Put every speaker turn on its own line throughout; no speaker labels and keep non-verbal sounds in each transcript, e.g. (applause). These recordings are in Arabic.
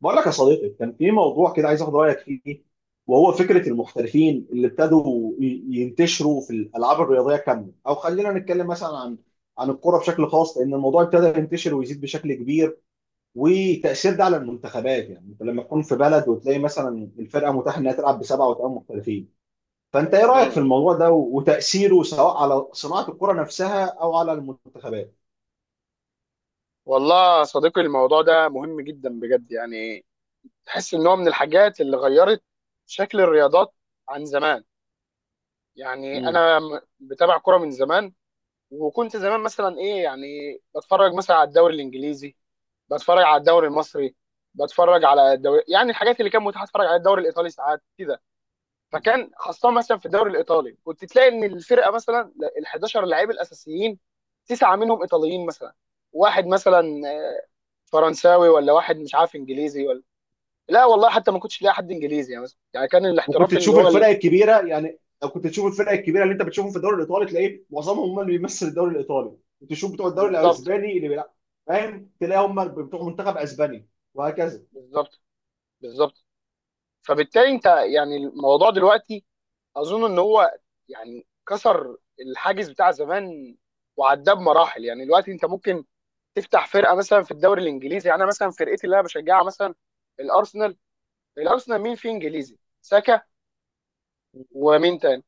بقول لك يا صديقي، كان في موضوع كده عايز اخد رايك فيه، وهو فكره المحترفين اللي ابتدوا ينتشروا في الالعاب الرياضيه كامله، او خلينا نتكلم مثلا عن الكره بشكل خاص، لان الموضوع ابتدى ينتشر ويزيد بشكل كبير. وتاثير ده على المنتخبات، يعني انت لما تكون في بلد وتلاقي مثلا الفرقه متاح انها تلعب بسبعه وثمان محترفين، فانت ايه رايك في
مم.
الموضوع ده وتاثيره، سواء على صناعه الكره نفسها او على المنتخبات؟
والله يا صديقي الموضوع ده مهم جدا بجد. يعني تحس ان هو من الحاجات اللي غيرت شكل الرياضات عن زمان. يعني انا بتابع كرة من زمان، وكنت زمان مثلا ايه، يعني بتفرج مثلا على الدوري الانجليزي، بتفرج على الدوري المصري، بتفرج على الدوري، يعني الحاجات اللي كان متاح اتفرج على الدوري الايطالي ساعات كده. فكان خاصة مثلا في الدوري الايطالي كنت تلاقي ان الفرقة مثلا ال 11 لعيب الاساسيين تسعة منهم ايطاليين مثلا، واحد مثلا فرنساوي، ولا واحد مش عارف انجليزي، ولا لا والله، حتى ما كنتش لاقي حد انجليزي. يعني مثلا يعني كان
وكنت
الاحتراف اللي
تشوف
هو
الفرق
ال...
الكبيره، يعني لو كنت تشوف الفرق الكبيره اللي انت بتشوفهم في الدوري الايطالي تلاقيه معظمهم هم اللي بيمثل الدوري الايطالي، وتشوف بتوع الدوري
بالظبط
الاسباني اللي بيلعب، فاهم، تلاقي هم بتوع منتخب اسباني، وهكذا.
بالظبط بالظبط. فبالتالي انت يعني الموضوع دلوقتي اظن ان هو يعني كسر الحاجز بتاع زمان وعداه بمراحل. يعني دلوقتي انت ممكن تفتح فرقه مثلا في الدوري الانجليزي. يعني انا مثلا فرقتي اللي انا بشجعها مثلا الارسنال، الارسنال مين فيه انجليزي؟ ساكا، ومين تاني؟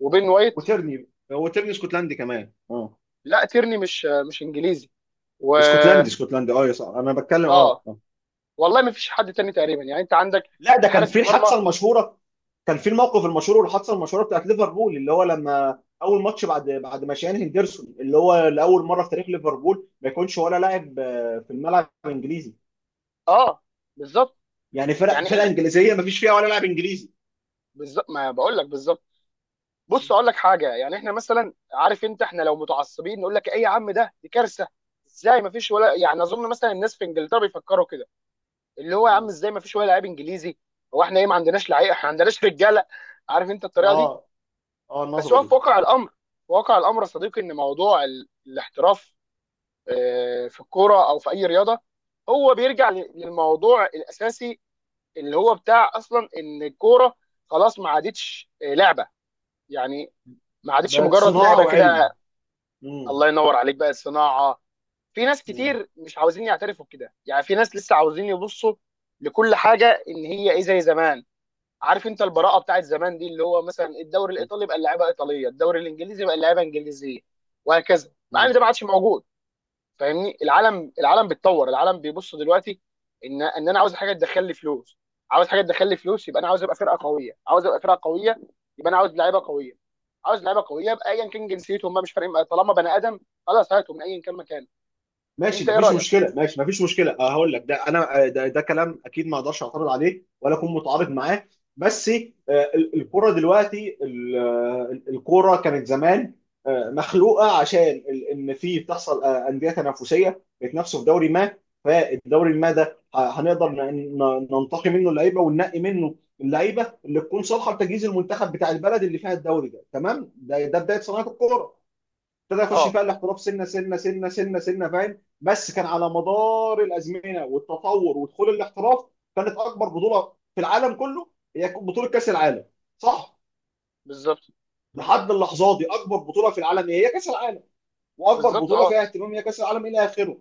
وبين وايت.
وترني، هو ترني اسكتلندي كمان
لا تيرني مش انجليزي. و
اسكتلندي، اسكتلندي، يا صاحبي انا بتكلم.
اه، والله ما فيش حد تاني تقريبا. يعني انت عندك
لا، ده كان
الحارس
في
المرمى.
الحادثه المشهوره. كان في الموقف المشهور والحادثه المشهوره بتاعت ليفربول، اللي هو لما اول ماتش بعد ما شان هندرسون، اللي هو لاول مره في تاريخ ليفربول ما يكونش ولا لاعب في الملعب الانجليزي،
اه بالظبط.
يعني
يعني ايه
فرقه انجليزيه ما فيش فيها ولا لاعب انجليزي.
بالظبط، ما بقول لك بالظبط. بص اقول لك حاجه، يعني احنا مثلا، عارف انت، احنا لو متعصبين نقول لك ايه يا عم، ده دي كارثه، ازاي ما فيش ولا، يعني اظن مثلا الناس في انجلترا بيفكروا كده، اللي هو يا عم
اه،
ازاي ما فيش ولا لعيب انجليزي؟ هو احنا ايه، ما عندناش لعيبه؟ احنا ما عندناش رجاله؟ عارف انت الطريقه دي.
اه،
بس
النظره
هو
دي
في واقع الامر، في واقع الامر يا صديقي، ان موضوع الاحتراف في الكوره او في اي رياضه هو بيرجع للموضوع الاساسي، اللي هو بتاع اصلا ان الكوره خلاص ما عادتش لعبه. يعني ما عادتش
بقت
مجرد
صناعه
لعبه
وعلم.
كده.
مم.
الله ينور عليك بقى الصناعه. في ناس
مم.
كتير مش عاوزين يعترفوا بكده. يعني في ناس لسه عاوزين يبصوا لكل حاجه ان هي ايه زي زمان. عارف انت البراءه بتاعت زمان دي، اللي هو مثلا الدوري الايطالي بقى اللعيبه ايطاليه، الدوري الانجليزي بقى اللعيبه انجليزيه، وهكذا، مع ان
مم.
ده ما عادش موجود. فاهمني؟ العالم بيتطور، العالم بيبص دلوقتي ان انا عاوز حاجه تدخل لي فلوس، عاوز حاجه تدخل لي فلوس يبقى انا عاوز ابقى فرقه قويه، عاوز ابقى فرقه قويه يبقى انا عاوز لعيبه قويه، عاوز لعيبه قويه يبقى ايا كان جنسيتهم بقى مش فارق معايا. طالما بني ادم، خلاص هاته من ايا كان مكان. انت
ماشي
ايه
مفيش
رايك؟
مشكله، ماشي مفيش مشكله، هقول لك ده، انا ده كلام اكيد ما اقدرش اعترض عليه، ولا اكون متعارض معاه. بس الكره دلوقتي، الكره كانت زمان مخلوقه عشان ان في بتحصل انديه تنافسيه بيتنافسوا في دوري ما، فالدوري ما ده هنقدر ننتقي منه اللعيبه، وننقي منه اللعيبه اللي تكون صالحه لتجهيز المنتخب بتاع البلد اللي فيها الدوري ده. تمام، ده بدايه صناعه الكوره. ابتدى يخش
اه
فيها الاحتراف سنه سنه سنه سنه سنه، فاهم، بس كان على مدار الازمنه والتطور ودخول الاحتراف، كانت اكبر بطوله في العالم كله هي بطوله كاس العالم، صح.
بالظبط
لحد اللحظه دي، اكبر بطوله في العالم هي كاس العالم، واكبر
بالظبط.
بطوله
اه
فيها اهتمام هي كاس العالم، الى اخره.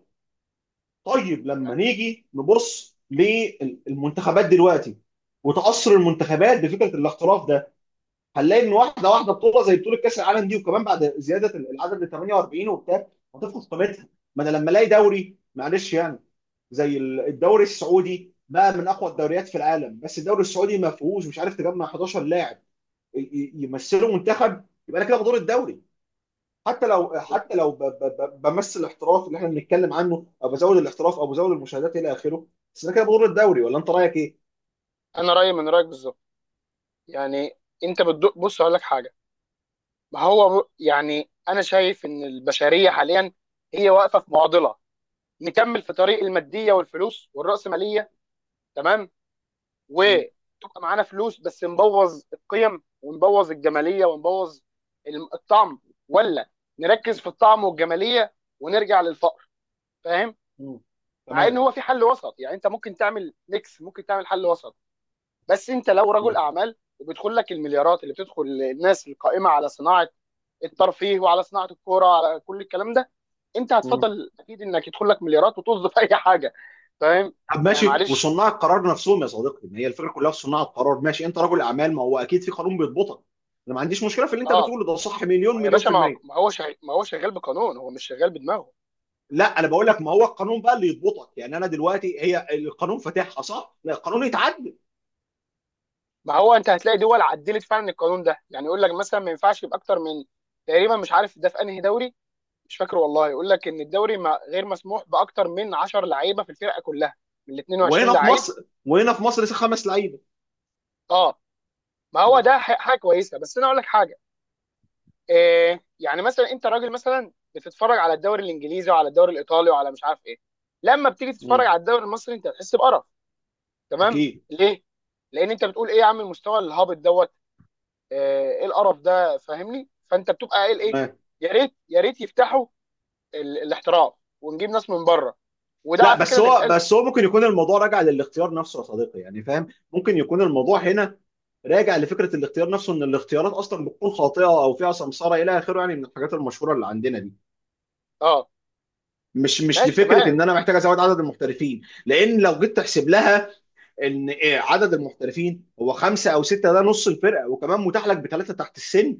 طيب لما نيجي نبص للمنتخبات دلوقتي وتاثر المنتخبات بفكره الاحتراف ده، هنلاقي ان واحده واحده، بطوله زي بطوله كاس العالم دي، وكمان بعد زياده العدد ل 48 وبتاع، هتفقد قيمتها. ما انا لما الاقي دوري، معلش يعني، زي الدوري السعودي بقى، من اقوى الدوريات في العالم، بس الدوري السعودي ما فيهوش، مش عارف تجمع 11 لاعب يمثلوا منتخب، يبقى انا كده بدور الدوري. حتى لو، حتى لو بمثل الاحتراف اللي احنا بنتكلم عنه، او بزود الاحتراف او بزود المشاهدات الى اخره، بس انا كده بدور الدوري، ولا انت رايك ايه؟
انا رايي من رايك بالظبط. يعني انت بتدق، بص اقول لك حاجه. ما هو يعني انا شايف ان البشريه حاليا هي واقفه في معضله: نكمل في طريق الماديه والفلوس والراسماليه، تمام،
مم.
وتبقى معانا فلوس بس نبوظ القيم ونبوظ الجماليه ونبوظ الطعم، ولا نركز في الطعم والجماليه ونرجع للفقر؟ فاهم؟
مم.
مع ان
تمام.
هو في حل وسط. يعني انت ممكن تعمل ميكس، ممكن تعمل حل وسط. بس انت لو رجل
مم.
اعمال، وبيدخل لك المليارات اللي بتدخل الناس القائمه على صناعه الترفيه وعلى صناعه الكوره، على كل الكلام ده، انت
مم.
هتفضل اكيد انك يدخل لك مليارات وطز في (laughs) اي حاجه. فاهم؟
طب
يعني
ماشي،
معلش.
وصناع القرار نفسهم يا صديقي، ما هي الفكره كلها في صناع القرار. ماشي، انت رجل اعمال، ما هو اكيد في قانون بيضبطك. انا ما عنديش مشكله في اللي انت
اه
بتقوله ده، صح
ما هو
مليون
يا
مليون
باشا،
في
ما هو،
الميه.
ما هو شغال بقانون، هو مش شغال بدماغه.
لا، انا بقول لك ما هو القانون بقى اللي يضبطك، يعني انا دلوقتي هي القانون فاتحها صح، لا القانون يتعدل.
ما هو انت هتلاقي دول عدلت فعلا القانون ده. يعني يقول لك مثلا ما ينفعش يبقى اكتر من، تقريبا مش عارف ده في انهي دوري، مش فاكر والله، يقول لك ان الدوري ما... غير مسموح باكتر من 10 لعيبه في الفرقه كلها من 22
وهنا في
لعيب.
مصر، وهنا في مصر خمس لعيبه.
اه ما هو
مم.
ده حاجه كويسه. بس انا اقول لك حاجه. إيه يعني مثلا انت راجل مثلا بتتفرج على الدوري الانجليزي وعلى الدوري الايطالي وعلى مش عارف ايه، لما بتيجي تتفرج
مم.
على الدوري المصري انت هتحس بقرف. تمام؟
اكيد.
ليه؟ لان انت بتقول ايه يا عم، المستوى الهابط دوت آه، ايه القرف ده؟ فاهمني؟ فانت بتبقى قايل ايه؟
تمام.
يا ريت، يا ريت يفتحوا الاحتراف ونجيب ناس من بره. وده على
لا،
فكره
بس
اللي
هو
بيتقال.
بس هو ممكن يكون الموضوع راجع للاختيار نفسه يا صديقي، يعني فاهم، ممكن يكون الموضوع هنا راجع لفكره الاختيار نفسه، ان الاختيارات اصلا بتكون خاطئه، او فيها سمساره الى اخره، يعني من الحاجات المشهوره اللي عندنا دي،
اه
مش
ماشي
لفكره
تمام.
ان انا محتاج ازود عدد المحترفين. لان لو جيت تحسب لها، ان إيه، عدد المحترفين هو خمسه او سته، ده نص الفرقه، وكمان متاح لك بثلاثه تحت السن،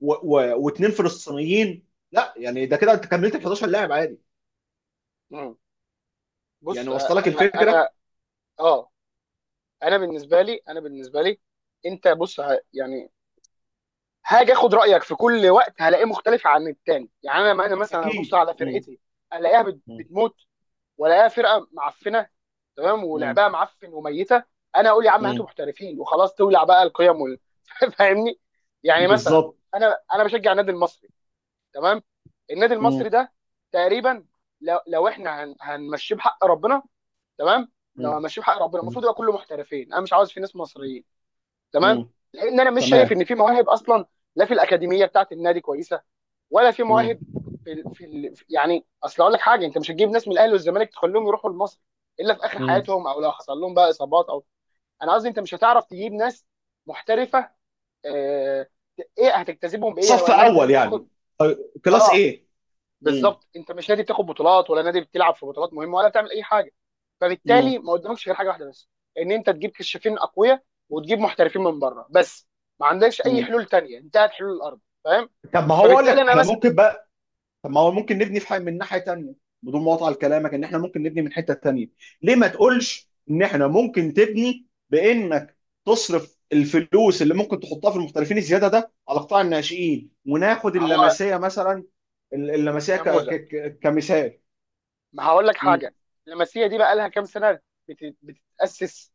واثنين فلسطينيين، لا يعني ده كده انت كملت ال 11 لاعب عادي،
مم. بص
يعني
آه،
وصل لك
انا
الفكره.
انا اه انا بالنسبه لي، انا بالنسبه لي، انت بص يعني هاجي اخد رايك في كل وقت هلاقيه مختلف عن التاني. يعني انا مثلا ابص
اكيد.
على
مم.
فرقتي، الاقيها
مم.
بتموت، ولاقيها فرقه معفنه، تمام،
مم.
ولعبها معفن وميته. انا اقول يا عم هاتوا
مم.
محترفين وخلاص، تولع بقى القيم وال... (laughs) فاهمني؟ يعني مثلا،
بالظبط.
انا بشجع النادي المصري، تمام. النادي المصري
مم.
ده تقريبا لو, لو هنمشيه بحق ربنا، تمام، لو
مم.
هنمشيه بحق ربنا المفروض
تمام.
يبقى كله محترفين، انا مش عاوز في ناس مصريين، تمام،
مم.
لان انا مش شايف ان
تمام.
في مواهب اصلا. لا في الاكاديميه بتاعت النادي كويسه ولا في
مم.
مواهب يعني اصل اقول لك حاجه، انت مش هتجيب ناس من الاهلي والزمالك تخليهم يروحوا لمصر الا في اخر
مم.
حياتهم او لو حصل لهم بقى اصابات او، انا قصدي انت مش هتعرف تجيب ناس محترفه. آه... ايه، هتجتذبهم بايه؟
صف
ولا انت
اول
نادي بتاخد؟
يعني. طيب، كلاس
اه
ايه. مم.
بالظبط، انت مش نادي بتاخد بطولات، ولا نادي بتلعب في بطولات مهمه، ولا بتعمل اي حاجه. فبالتالي
مم.
ما قدامكش غير حاجه واحده بس، ان انت تجيب كشافين اقوياء وتجيب محترفين من بره بس. ما عندكش اي
مم.
حلول تانية، انتهت حلول الارض. فاهم؟
طب ما هو اقول
فبالتالي
لك،
انا
احنا
مثلا،
ممكن بقى، طب ما هو ممكن نبني في حاجه من ناحيه تانيه، بدون ما اقطع كلامك، ان احنا ممكن نبني من حته تانيه. ليه ما تقولش ان احنا ممكن تبني بانك تصرف الفلوس اللي ممكن تحطها في المحترفين الزياده ده على قطاع الناشئين، وناخد
هو
اللمسيه مثلا، اللمسيه
نموذج.
كمثال.
ما هقول لك حاجه، اللمسيه دي بقى لها كام سنه بتتاسس؟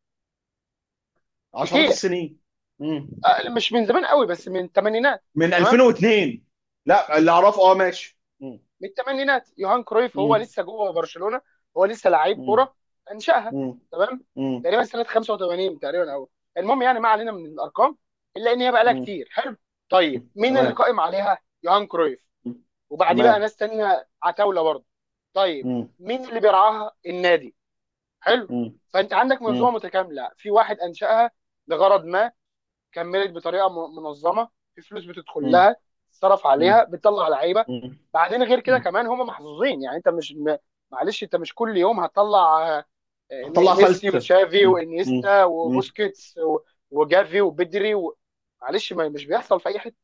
عشرات
كتير.
السنين. مم.
آه، مش من زمان قوي بس من الثمانينات،
من
تمام،
2002. لا، اللي اعرفه، اه، ماشي. مم.
من الثمانينات، يوهان كرويف هو
مم.
لسه جوه برشلونه، هو لسه لعيب
مم.
كوره، انشاها،
مم.
تمام.
مم.
تقريبا سنه 85 تقريبا او، المهم يعني ما علينا من الارقام الا ان هي بقى لها
مم.
كتير، حلو. طيب
مم.
مين اللي
تمام.
قائم عليها؟ يوهان كرويف،
مم.
وبعديه بقى
تمام.
ناس تانية عتاوله برضه. طيب
مم.
مين اللي بيرعاها؟ النادي. حلو.
مم.
فانت عندك منظومه
مم.
متكامله، في واحد انشاها لغرض ما، كملت بطريقه منظمه، في فلوس بتدخل
مم.
لها، تصرف عليها، بتطلع لعيبه.
مم.
بعدين غير كده
مم.
كمان هم محظوظين. يعني انت مش معلش، انت مش كل يوم هتطلع آه،
هتطلع
ميسي
فلسفه.
وتشافي
مم.
وانيستا
مم.
وبوسكيتس و وجافي وبدري و... معلش، ما مش بيحصل في اي حته.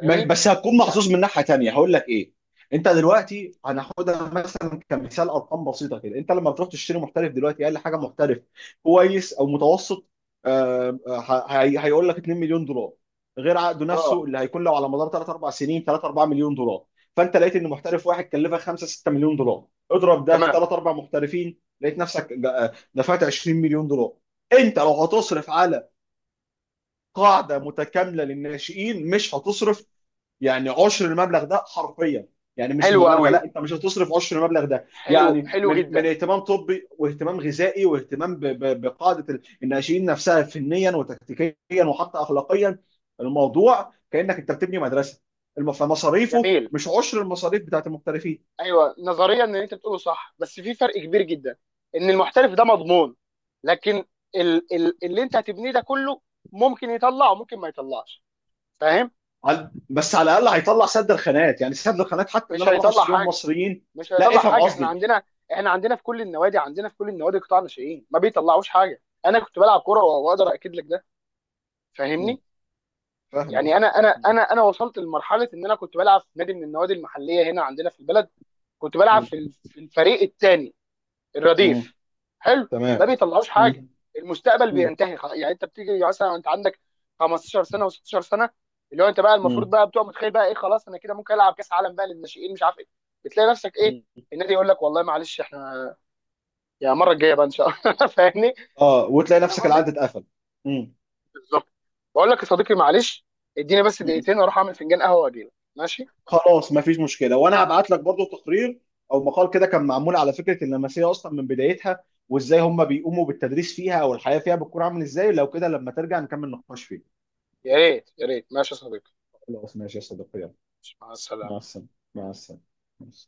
بس هتكون
يعني
محظوظ من ناحيه تانيه، هقول لك ايه. انت دلوقتي هناخدها مثلا كمثال، ارقام بسيطه كده، انت لما بتروح تشتري محترف دلوقتي، اقل حاجه محترف كويس او متوسط، آه، آه، هيقول لك 2 مليون دولار، غير عقده
اه
نفسه اللي هيكون له على مدار 3 4 سنين، 3 4 مليون دولار. فانت لقيت ان محترف واحد كلفك 5 6 مليون دولار، اضرب ده في
تمام.
3 4 محترفين، لقيت نفسك دفعت 20 مليون دولار. انت لو هتصرف على قاعده متكامله للناشئين، مش هتصرف يعني عشر المبلغ ده حرفيا، يعني مش
حلو
مبالغه،
قوي،
لا انت مش هتصرف عشر المبلغ ده،
حلو
يعني
حلو
من
جدا.
اهتمام طبي، واهتمام غذائي، واهتمام بقاعده الناشئين نفسها فنيا وتكتيكيا وحتى اخلاقيا، الموضوع كانك انت بتبني مدرسه، فمصاريفه
جميل.
مش عشر المصاريف بتاعت المحترفين.
ايوه نظريا ان انت بتقوله صح، بس في فرق كبير جدا ان المحترف ده مضمون، لكن ال اللي انت هتبنيه ده كله ممكن يطلع وممكن ما يطلعش. فاهم؟
بس على الاقل هيطلع سد الخانات، يعني سد الخانات، حتى اللي
مش
انا بروح
هيطلع
اشتريهم
حاجه،
مصريين.
مش
لا،
هيطلع
افهم
حاجه. احنا
قصدي.
عندنا، احنا عندنا في كل النوادي، عندنا في كل النوادي قطاع ناشئين ما بيطلعوش حاجه. انا كنت بلعب كوره واقدر اكد لك ده.
مم،
فاهمني؟
فاهم
يعني
قصدي.
انا انا
مم،
انا انا وصلت لمرحله ان انا كنت بلعب في نادي من النوادي المحليه هنا عندنا في البلد، كنت بلعب
مم،
في في الفريق الثاني،
مم،
الرديف، حلو. ما
تمام.
بيطلعوش حاجه،
مم،
المستقبل
مم،
بينتهي خلاص. يعني انت بتيجي مثلا، انت عندك 15 سنه و16 سنه، اللي هو انت بقى المفروض
مم.
بقى بتبقى متخيل بقى ايه، خلاص انا كده ممكن العب كاس عالم بقى للناشئين مش عارف ايه، بتلاقي نفسك ايه، النادي يقول لك والله معلش احنا، يا المره الجايه بقى ان شاء الله. (laughs) فاهمني؟
اه، وتلاقي
فاهم
نفسك العقد
قصدي؟
اتقفل. امم.
بالظبط. بقول لك يا صديقي، معلش، اديني بس
مم.
دقيقتين اروح اعمل فنجان قهوه واجي لك، ماشي؟
خلاص مفيش مشكله، وانا هبعت لك برضو تقرير او مقال كده كان معمول على فكره اللمسيه اصلا من بدايتها، وازاي هم بيقوموا بالتدريس فيها، او الحياه فيها بتكون عامل ازاي، لو كده لما ترجع نكمل نقاش فيه.
يا ريت، يا ريت، ماشي يا صديقي.
خلاص ماشي يا صديقي، يلا،
مع السلامه.
مع السلامه. مع السلامه.